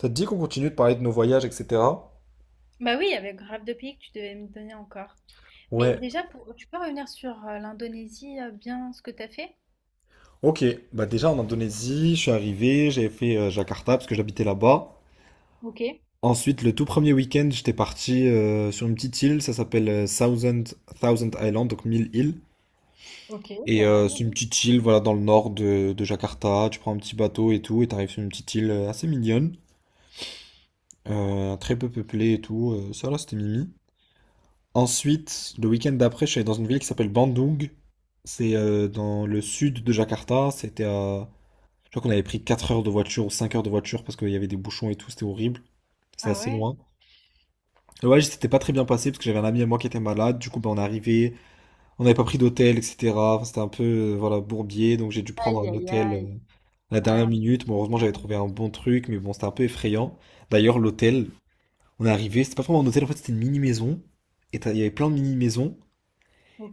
Ça te dit qu'on continue de parler de nos voyages, etc. Bah oui, avec grave de pays que tu devais me donner encore. Mais Ouais, déjà, pour, tu peux revenir sur l'Indonésie, bien ce que t'as fait? ok. Bah déjà en Indonésie, je suis arrivé, j'ai fait Jakarta parce que j'habitais là-bas. Ok, Ensuite, le tout premier week-end, j'étais parti sur une petite île, ça s'appelle Thousand Island, donc 1000 îles. ok, Et pas mal. c'est une petite île, Non. voilà, dans le nord de Jakarta. Tu prends un petit bateau et tout, et t'arrives sur une petite île assez mignonne, très peu peuplée et tout. Ça là, c'était mimi. Ensuite, le week-end d'après, je suis allé dans une ville qui s'appelle Bandung. C'est dans le sud de Jakarta. Je crois qu'on avait pris 4 heures de voiture ou 5 heures de voiture parce qu'il y avait des bouchons et tout. C'était horrible. C'était Ah assez ouais? loin. Le voyage s'était pas très bien passé parce que j'avais un ami à moi qui était malade. Du coup, ben, on est arrivé. On n'avait pas pris d'hôtel, etc. Enfin, c'était un peu voilà, bourbier. Donc j'ai dû prendre Aïe, un aïe, hôtel aïe. À la dernière Ouais. minute. Bon, heureusement, j'avais Hum, trouvé un bon truc. Mais bon, c'était un peu effrayant. D'ailleurs, l'hôtel, on est arrivé. C'était pas vraiment un hôtel. En fait, c'était une mini-maison. Et il y avait plein de mini-maisons.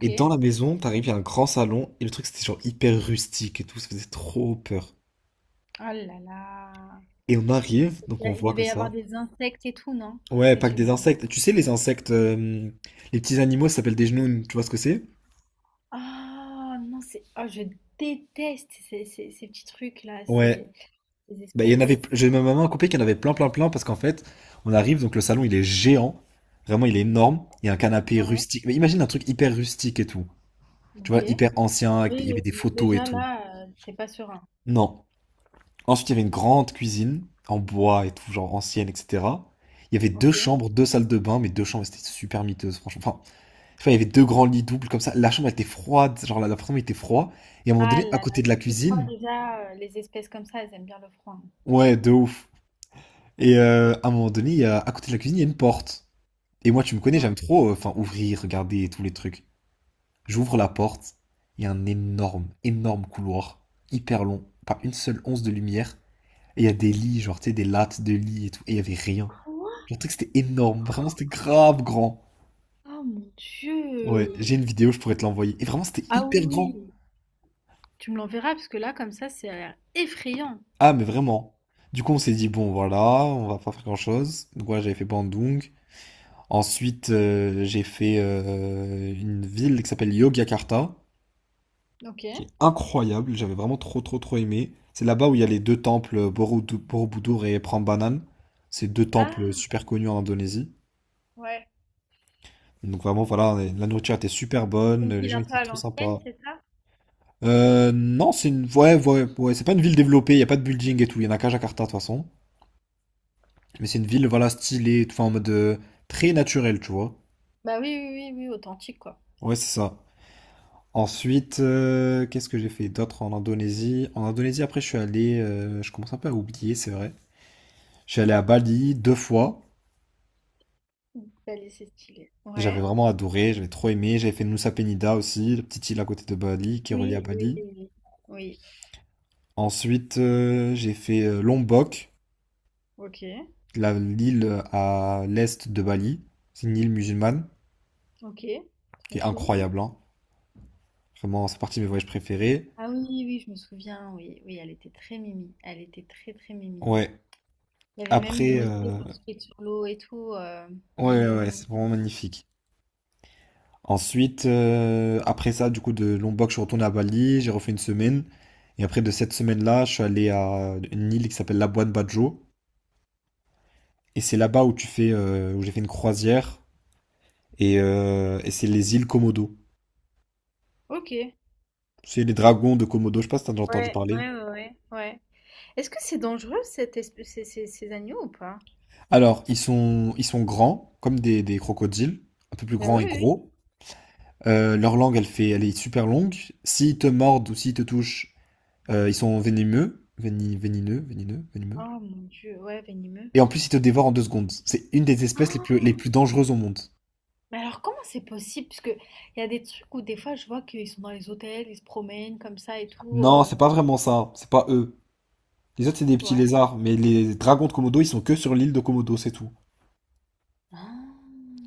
Et dans la maison, t'arrives, il y a un grand salon, et le truc c'était genre hyper rustique et tout, ça faisait trop peur. Oh là là. Et on arrive, donc on Il voit comme devait y avoir ça. des insectes et tout, non? Ouais, Des pas que des trucs. insectes. Tu sais, les insectes, les petits animaux, ça s'appelle des genoux, tu vois ce que c'est? Oh non, c'est. Oh, je déteste ces, ces petits trucs-là, Ouais. ces, ces Bah, il y en avait, espèces. j'ai ma maman a coupé qu'il y en avait plein, plein, plein, parce qu'en fait, on arrive, donc le salon il est géant, vraiment il est énorme, il y a un canapé Ouais, rustique. Mais imagine un truc hyper rustique et tout, tu ok. vois, hyper ancien, avec il y Oui, avait des photos et déjà tout. là, t'es pas serein. Non. Ensuite, il y avait une grande cuisine en bois et tout, genre ancienne, etc. Il y avait deux Ok. chambres, deux salles de bain, mais deux chambres, c'était super miteuse, franchement. Enfin, il y avait deux grands lits doubles comme ça. La chambre elle était froide, genre l'appartement était froid. Et à un moment Ah donné, à là là, côté de la c'est qu'il froid cuisine. déjà, les espèces comme ça, elles aiment bien le froid, hein. Ouais, de ouf. Et à un moment donné, à côté de la cuisine, il y a une porte. Et moi, tu me connais, Ouais. j'aime trop, enfin, ouvrir, regarder et tous les trucs. J'ouvre la porte, il y a un énorme, énorme couloir, hyper long, pas une seule once de lumière. Et il y a des lits, genre, tu sais, des lattes de lits et tout. Et il y avait rien. Quoi? J'ai trouvé que c'était énorme. Vraiment, c'était grave grand. Oh mon Ouais, Dieu! j'ai une vidéo, je pourrais te l'envoyer. Et vraiment, c'était Ah hyper grand. oui! Tu me l'enverras parce que là, comme ça, c'est l'air effrayant. Ah, mais vraiment. Du coup, on s'est dit, bon, voilà, on va pas faire grand-chose. Donc, voilà, j'avais fait Bandung. Ensuite, j'ai fait une ville qui s'appelle Yogyakarta, Ok. qui est incroyable. J'avais vraiment trop, trop, trop aimé. C'est là-bas où il y a les deux temples, Borobudur et Prambanan. C'est deux temples Ah super connus en Indonésie. ouais, Donc, vraiment, voilà, la nourriture était super bonne, une les ville gens un peu étaient à trop l'ancienne, sympas. c'est ça? Non, ouais, ouais, ouais, c'est pas une ville développée, il y a pas de building et tout, il y en a qu'à Jakarta de toute façon. Mais c'est une ville, voilà, stylée, enfin, en mode très naturel, tu vois. Bah oui, oui, oui, oui, authentique quoi. Ouais, c'est ça. Ensuite, qu'est-ce que j'ai fait d'autre en Indonésie? En Indonésie, après, je suis allé, je commence un peu à oublier, c'est vrai. Je suis allé à Bali deux fois. Bah, c'est stylé. J'avais Ouais. vraiment adoré, j'avais trop aimé. J'avais fait Nusa Penida aussi, la petite île à côté de Bali qui est reliée à Oui, oui, Bali. oui, oui. Oui. Ensuite, j'ai fait Lombok, Ok. L'île à l'est de Bali. C'est une île musulmane, Ok. qui Trop est chou. incroyable, hein. Vraiment, c'est partie de mes voyages préférés. Ah oui, oui, oui, je me souviens, oui, oui, elle était très mimi. Elle était très, très mimi. Ouais. Il y avait même une Après, mosquée construite sur l'eau et tout, ouais, une ouais, ouais, c'est mini-mosquée. vraiment magnifique. Ensuite, après ça, du coup, de Lombok, je suis retourné à Bali, j'ai refait une semaine. Et après, de cette semaine-là, je suis allé à une île qui s'appelle Labuan Bajo. Et c'est là-bas où tu fais, où j'ai fait une croisière. Et c'est les îles Komodo. Ok. Ouais, C'est les dragons de Komodo, je sais pas si t'as déjà entendu ouais, parler. ouais, ouais, ouais. Est-ce que c'est dangereux cette espèce, ces, ces agneaux ou pas? Alors, ils sont grands, comme des crocodiles, un peu plus Bah grands oui, et oui. gros. Leur langue, elle est super longue. S'ils te mordent ou s'ils te touchent, ils sont venimeux, vénineux, vénineux, venimeux. Oh mon Dieu, ouais, venimeux. Et en plus, ils te dévorent en 2 secondes. C'est une des espèces les plus, les Ah, plus dangereuses au monde. mais alors comment c'est possible? Parce que il y a des trucs où des fois je vois qu'ils sont dans les hôtels, ils se promènent comme ça et tout, Non, c'est pas vraiment ça. C'est pas eux. Les autres, c'est des petits ouais. lézards. Mais les dragons de Komodo, ils sont que sur l'île de Komodo, c'est tout. Ah.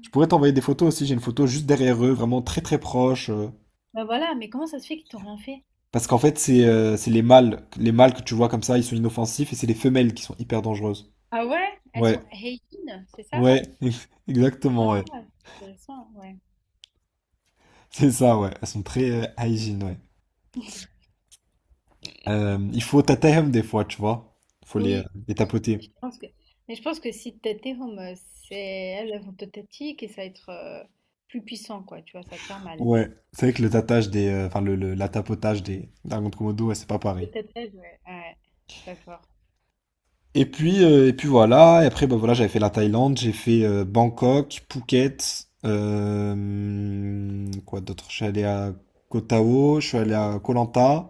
Je pourrais t'envoyer des photos aussi. J'ai une photo juste derrière eux, vraiment très très proche. Bah voilà, mais comment ça se fait qu'ils t'ont rien fait? Parce qu'en fait, c'est les mâles. Les mâles que tu vois comme ça, ils sont inoffensifs. Et c'est les femelles qui sont hyper dangereuses. Ah ouais? Elles sont Ouais, hygiène, c'est ça? ouais, Ah, exactement, ouais. c'est intéressant, ouais. C'est ça, ouais. Elles sont très hygiène, ouais. Il faut tatayam des fois, tu vois. Faut les, euh, Oui, les mais tapoter. je pense que, mais je pense que si Tetehome, c'est elles, elles vont te tati et ça va être plus puissant, quoi, tu vois, ça va te faire mal. Ouais. C'est vrai que le tatage des, enfin le- la tapotage des dragons de Komodo, ouais, c'est pas pareil. Peut-être elle, ouais. Ouais, je suis d'accord. Et puis voilà. Et après, bah voilà, j'avais fait la Thaïlande, j'ai fait Bangkok, Phuket, quoi d'autre? Je suis allé à Koh Tao, je suis allé à Koh Lanta,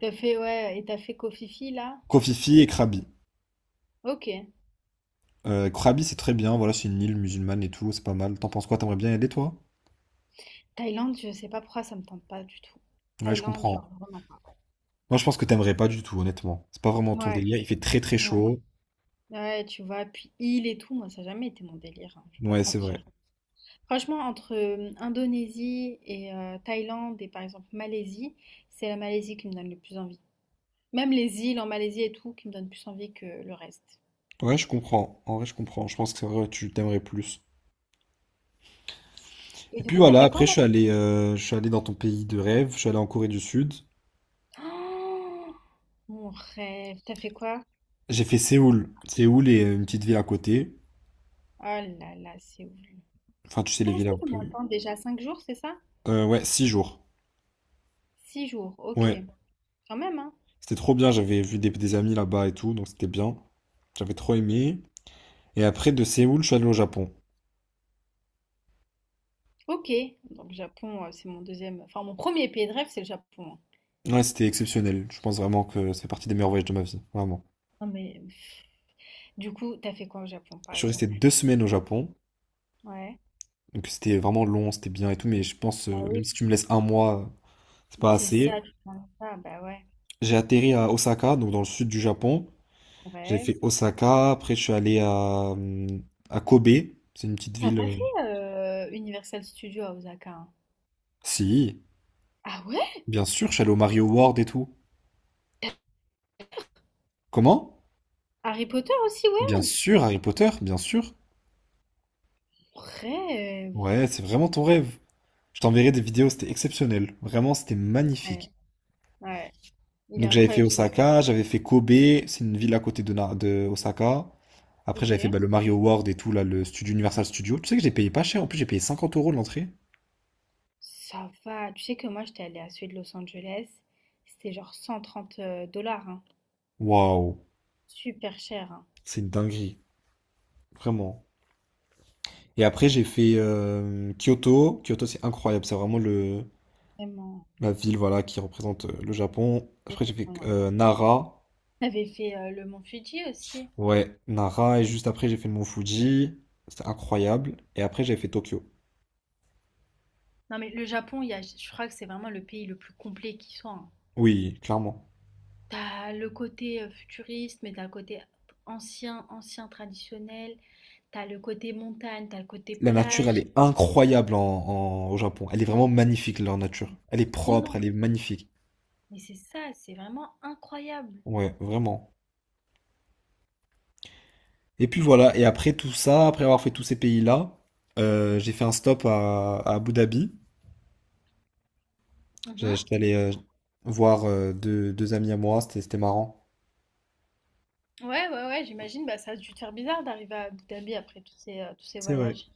T'as fait, ouais, et t'as fait Kofifi, là? Koh Phi Phi et Krabi. Ok. Krabi, c'est très bien. Voilà, c'est une île musulmane et tout, c'est pas mal. T'en penses quoi? T'aimerais bien y aller, toi? Thaïlande, je sais pas pourquoi ça me tente pas du tout. Ouais, je Thaïlande, comprends. genre, vraiment pas. Moi, je pense que t'aimerais pas du tout, honnêtement. C'est pas vraiment ton Ouais, délire. Il fait très très ouais. chaud. Ouais, tu vois, puis île et tout, moi, ça a jamais été mon délire, hein, je vais pas Ouais, te c'est mentir. vrai. Franchement, entre Indonésie et Thaïlande et par exemple Malaisie, c'est la Malaisie qui me donne le plus envie. Même les îles en Malaisie et tout, qui me donnent plus envie que le reste. Ouais, je comprends. En vrai, je comprends. Je pense que c'est vrai, tu t'aimerais plus. Et Et du puis coup, t'as voilà, fait quoi, après, je suis allé, euh, je suis allé dans ton pays de rêve. Je suis allé en Corée du Sud. oh, mon rêve. T'as fait quoi? J'ai fait Séoul. Séoul est une petite ville à côté. Oh là là, c'est ouf. Enfin, tu sais, les T'es villes resté un combien peu. de temps déjà? 5 jours, c'est ça? Ouais, 6 jours. 6 jours, ok. Ouais. Quand même, hein? C'était trop bien. J'avais vu des amis là-bas et tout, donc c'était bien. J'avais trop aimé. Et après, de Séoul, je suis allé au Japon. Ok. Donc, Japon, c'est mon deuxième. Enfin, mon premier pays de rêve, c'est le Japon, hein. Ouais, c'était exceptionnel. Je pense vraiment que c'est partie des meilleurs voyages de ma vie. Vraiment. Non, mais pff, du coup, t'as fait quoi au Japon, par Je suis resté exemple? 2 semaines au Japon. Ouais. Donc c'était vraiment long, c'était bien et tout, mais je pense, Bah même oui, si tu me laisses un mois, c'est pas c'est assez. ça, tu prends ça. Bah ouais, J'ai atterri à Osaka, donc dans le sud du Japon. mon J'ai rêve. fait Osaka, après je suis allé à Kobe, c'est une petite T'as ville. pas fait Universal Studios à Osaka, hein? Si, Ah ouais? bien sûr, je suis allé au Mario World et tout. Comment? Harry Potter aussi Bien World, sûr, Harry Potter, bien sûr. mon rêve. Ouais, c'est vraiment ton rêve. Je t'enverrai des vidéos, c'était exceptionnel. Vraiment, c'était Ouais, magnifique. ouais. Il est Donc j'avais fait incroyable ce. Osaka, j'avais fait Kobe, c'est une ville à côté de Osaka. Après Ok. j'avais fait bah, le Mario World et tout, là, le studio Universal Studio. Tu sais que j'ai payé pas cher, en plus j'ai payé 50 euros l'entrée. Ça va. Tu sais que moi, j'étais allée à celui de Los Angeles. C'était genre $130, hein. Waouh, Super cher, hein. c'est une dinguerie, vraiment. Et après j'ai fait Kyoto. Kyoto c'est incroyable, c'est vraiment le, Vraiment. la ville voilà, qui représente le Japon. Le Après j'ai fait Japon, ouais. Nara. T'avais fait le mont Fuji aussi. Ouais, Nara. Et juste après j'ai fait le Mont Fuji. C'était incroyable. Et après j'ai fait Tokyo. Non, mais le Japon, il y a, je crois que c'est vraiment le pays le plus complet qui soit, hein. Oui, clairement. T'as le côté futuriste, mais t'as le côté ancien, ancien traditionnel. T'as le côté montagne, t'as le côté La nature, elle plage. est incroyable en, au Japon. Elle est vraiment magnifique, leur nature. Elle est propre, elle Vraiment. est magnifique. Mais c'est ça, c'est vraiment incroyable. Ouais, vraiment. Et puis voilà, et après tout ça, après avoir fait tous ces pays-là, j'ai fait un stop à Abu Dhabi. Mhm. J'étais allé voir deux amis à moi, c'était marrant. Ouais, ouais, ouais, j'imagine, bah, ça a dû te faire bizarre d'arriver à Abu Dhabi après tous ces C'est vrai. voyages.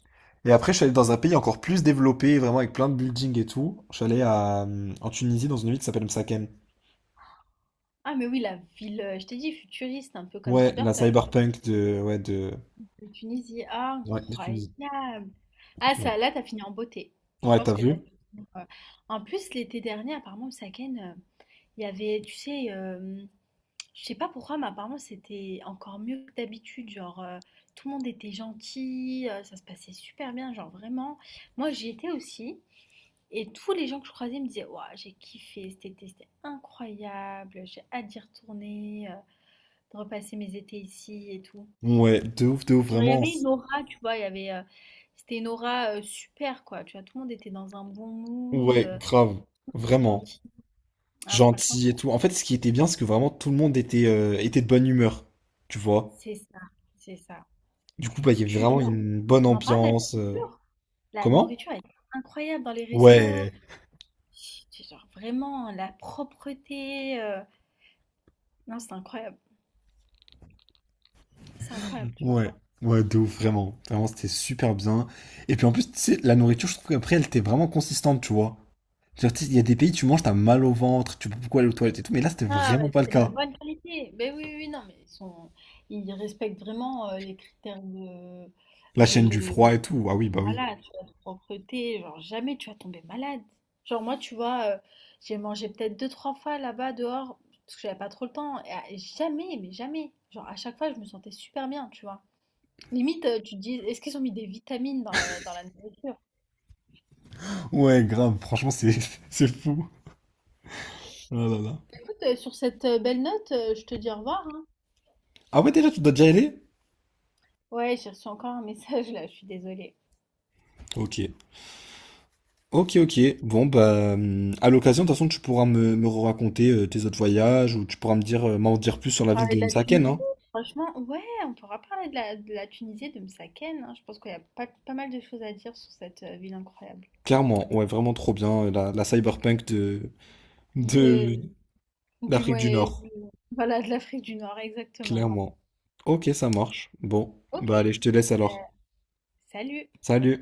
Et après, je suis allé dans un pays encore plus développé, vraiment avec plein de buildings et tout. Je suis allé en Tunisie, dans une ville qui s'appelle Msakhem. Ah, mais oui, la ville, je t'ai dit, futuriste, un peu comme Ouais, la Cyberpunk, cyberpunk de, ouais, de, de Tunisie. Ah, ouais, de Tunisie. incroyable. Ah, Ouais, ça, là, t'as fini en beauté. Je ouais, pense t'as que t'as vu? dû finir, en plus, l'été dernier, apparemment, au Saken, il y avait, tu sais, je sais pas pourquoi, mais apparemment c'était encore mieux que d'habitude. Genre, tout le monde était gentil, ça se passait super bien, genre vraiment. Moi j'y étais aussi, et tous les gens que je croisais me disaient, ouah, j'ai kiffé cet été, c'était incroyable, j'ai hâte d'y retourner, de repasser mes étés ici et tout. Ouais, de ouf, Genre, il y vraiment. avait une aura, tu vois, il y avait, c'était une aura super quoi, tu vois, tout le monde était dans un bon mood, Ouais, grave, vraiment. gentil. Ah, franchement, Gentil et ça, tout. En fait, ce qui était bien, c'est que vraiment tout le monde était de bonne humeur, tu vois. c'est ça, c'est ça. Du coup, bah, il y avait Tu, vraiment là, une bonne on en parle de la ambiance. Culture? La Comment? nourriture est incroyable dans les restos. Ouais, Tu genre vraiment la propreté, non, c'est incroyable, tu vois? ouais, ouais, de ouf, vraiment. Vraiment, c'était super bien. Et puis en plus, tu sais, la nourriture, je trouve qu'après, elle était vraiment consistante, tu vois. Genre, tu sais, il y a des pays, tu manges, t'as mal au ventre, tu peux beaucoup aller aux toilettes et tout, mais là, c'était Ah vraiment ouais, pas le c'est de la cas. bonne qualité. Beh, oui, oui, oui, non, mais ils respectent vraiment, les critères de La chaîne de du de froid et tout, ah oui, bah oui. voilà, tu vois? De propreté, genre jamais tu vas tomber malade. Genre moi, tu vois, j'ai mangé peut-être deux trois fois là-bas dehors, parce que j'avais pas trop le temps et à et jamais, mais jamais, genre à chaque fois, je me sentais super bien, tu vois? Limite, tu te dis, est-ce qu'ils ont mis des vitamines dans la nourriture? Ouais, grave, franchement, c'est c'est fou. Oh là là. Écoute, sur cette belle note, je te dis au revoir, hein. Ah ouais, déjà, tu dois déjà y aller? Ouais, j'ai reçu encore un message là, je suis désolée. Ok. Ok, ok. Bon, bah, à l'occasion, de toute façon, tu pourras me raconter tes autres voyages ou tu pourras me dire, m'en dire plus sur la ville Parler de de la Msaken, Tunisie, hein. franchement, ouais, on pourra parler de la Tunisie, et de Msaken, hein. Je pense qu'il y a pas, pas mal de choses à dire sur cette ville incroyable. Clairement, ouais, vraiment trop bien, la cyberpunk de, De- du, d'Afrique du Nord. du, voilà, de l'Afrique du Nord, exactement. Clairement. Ok, ça marche. Bon, Ok, bah, allez, je te laisse ben, alors. salut! Salut!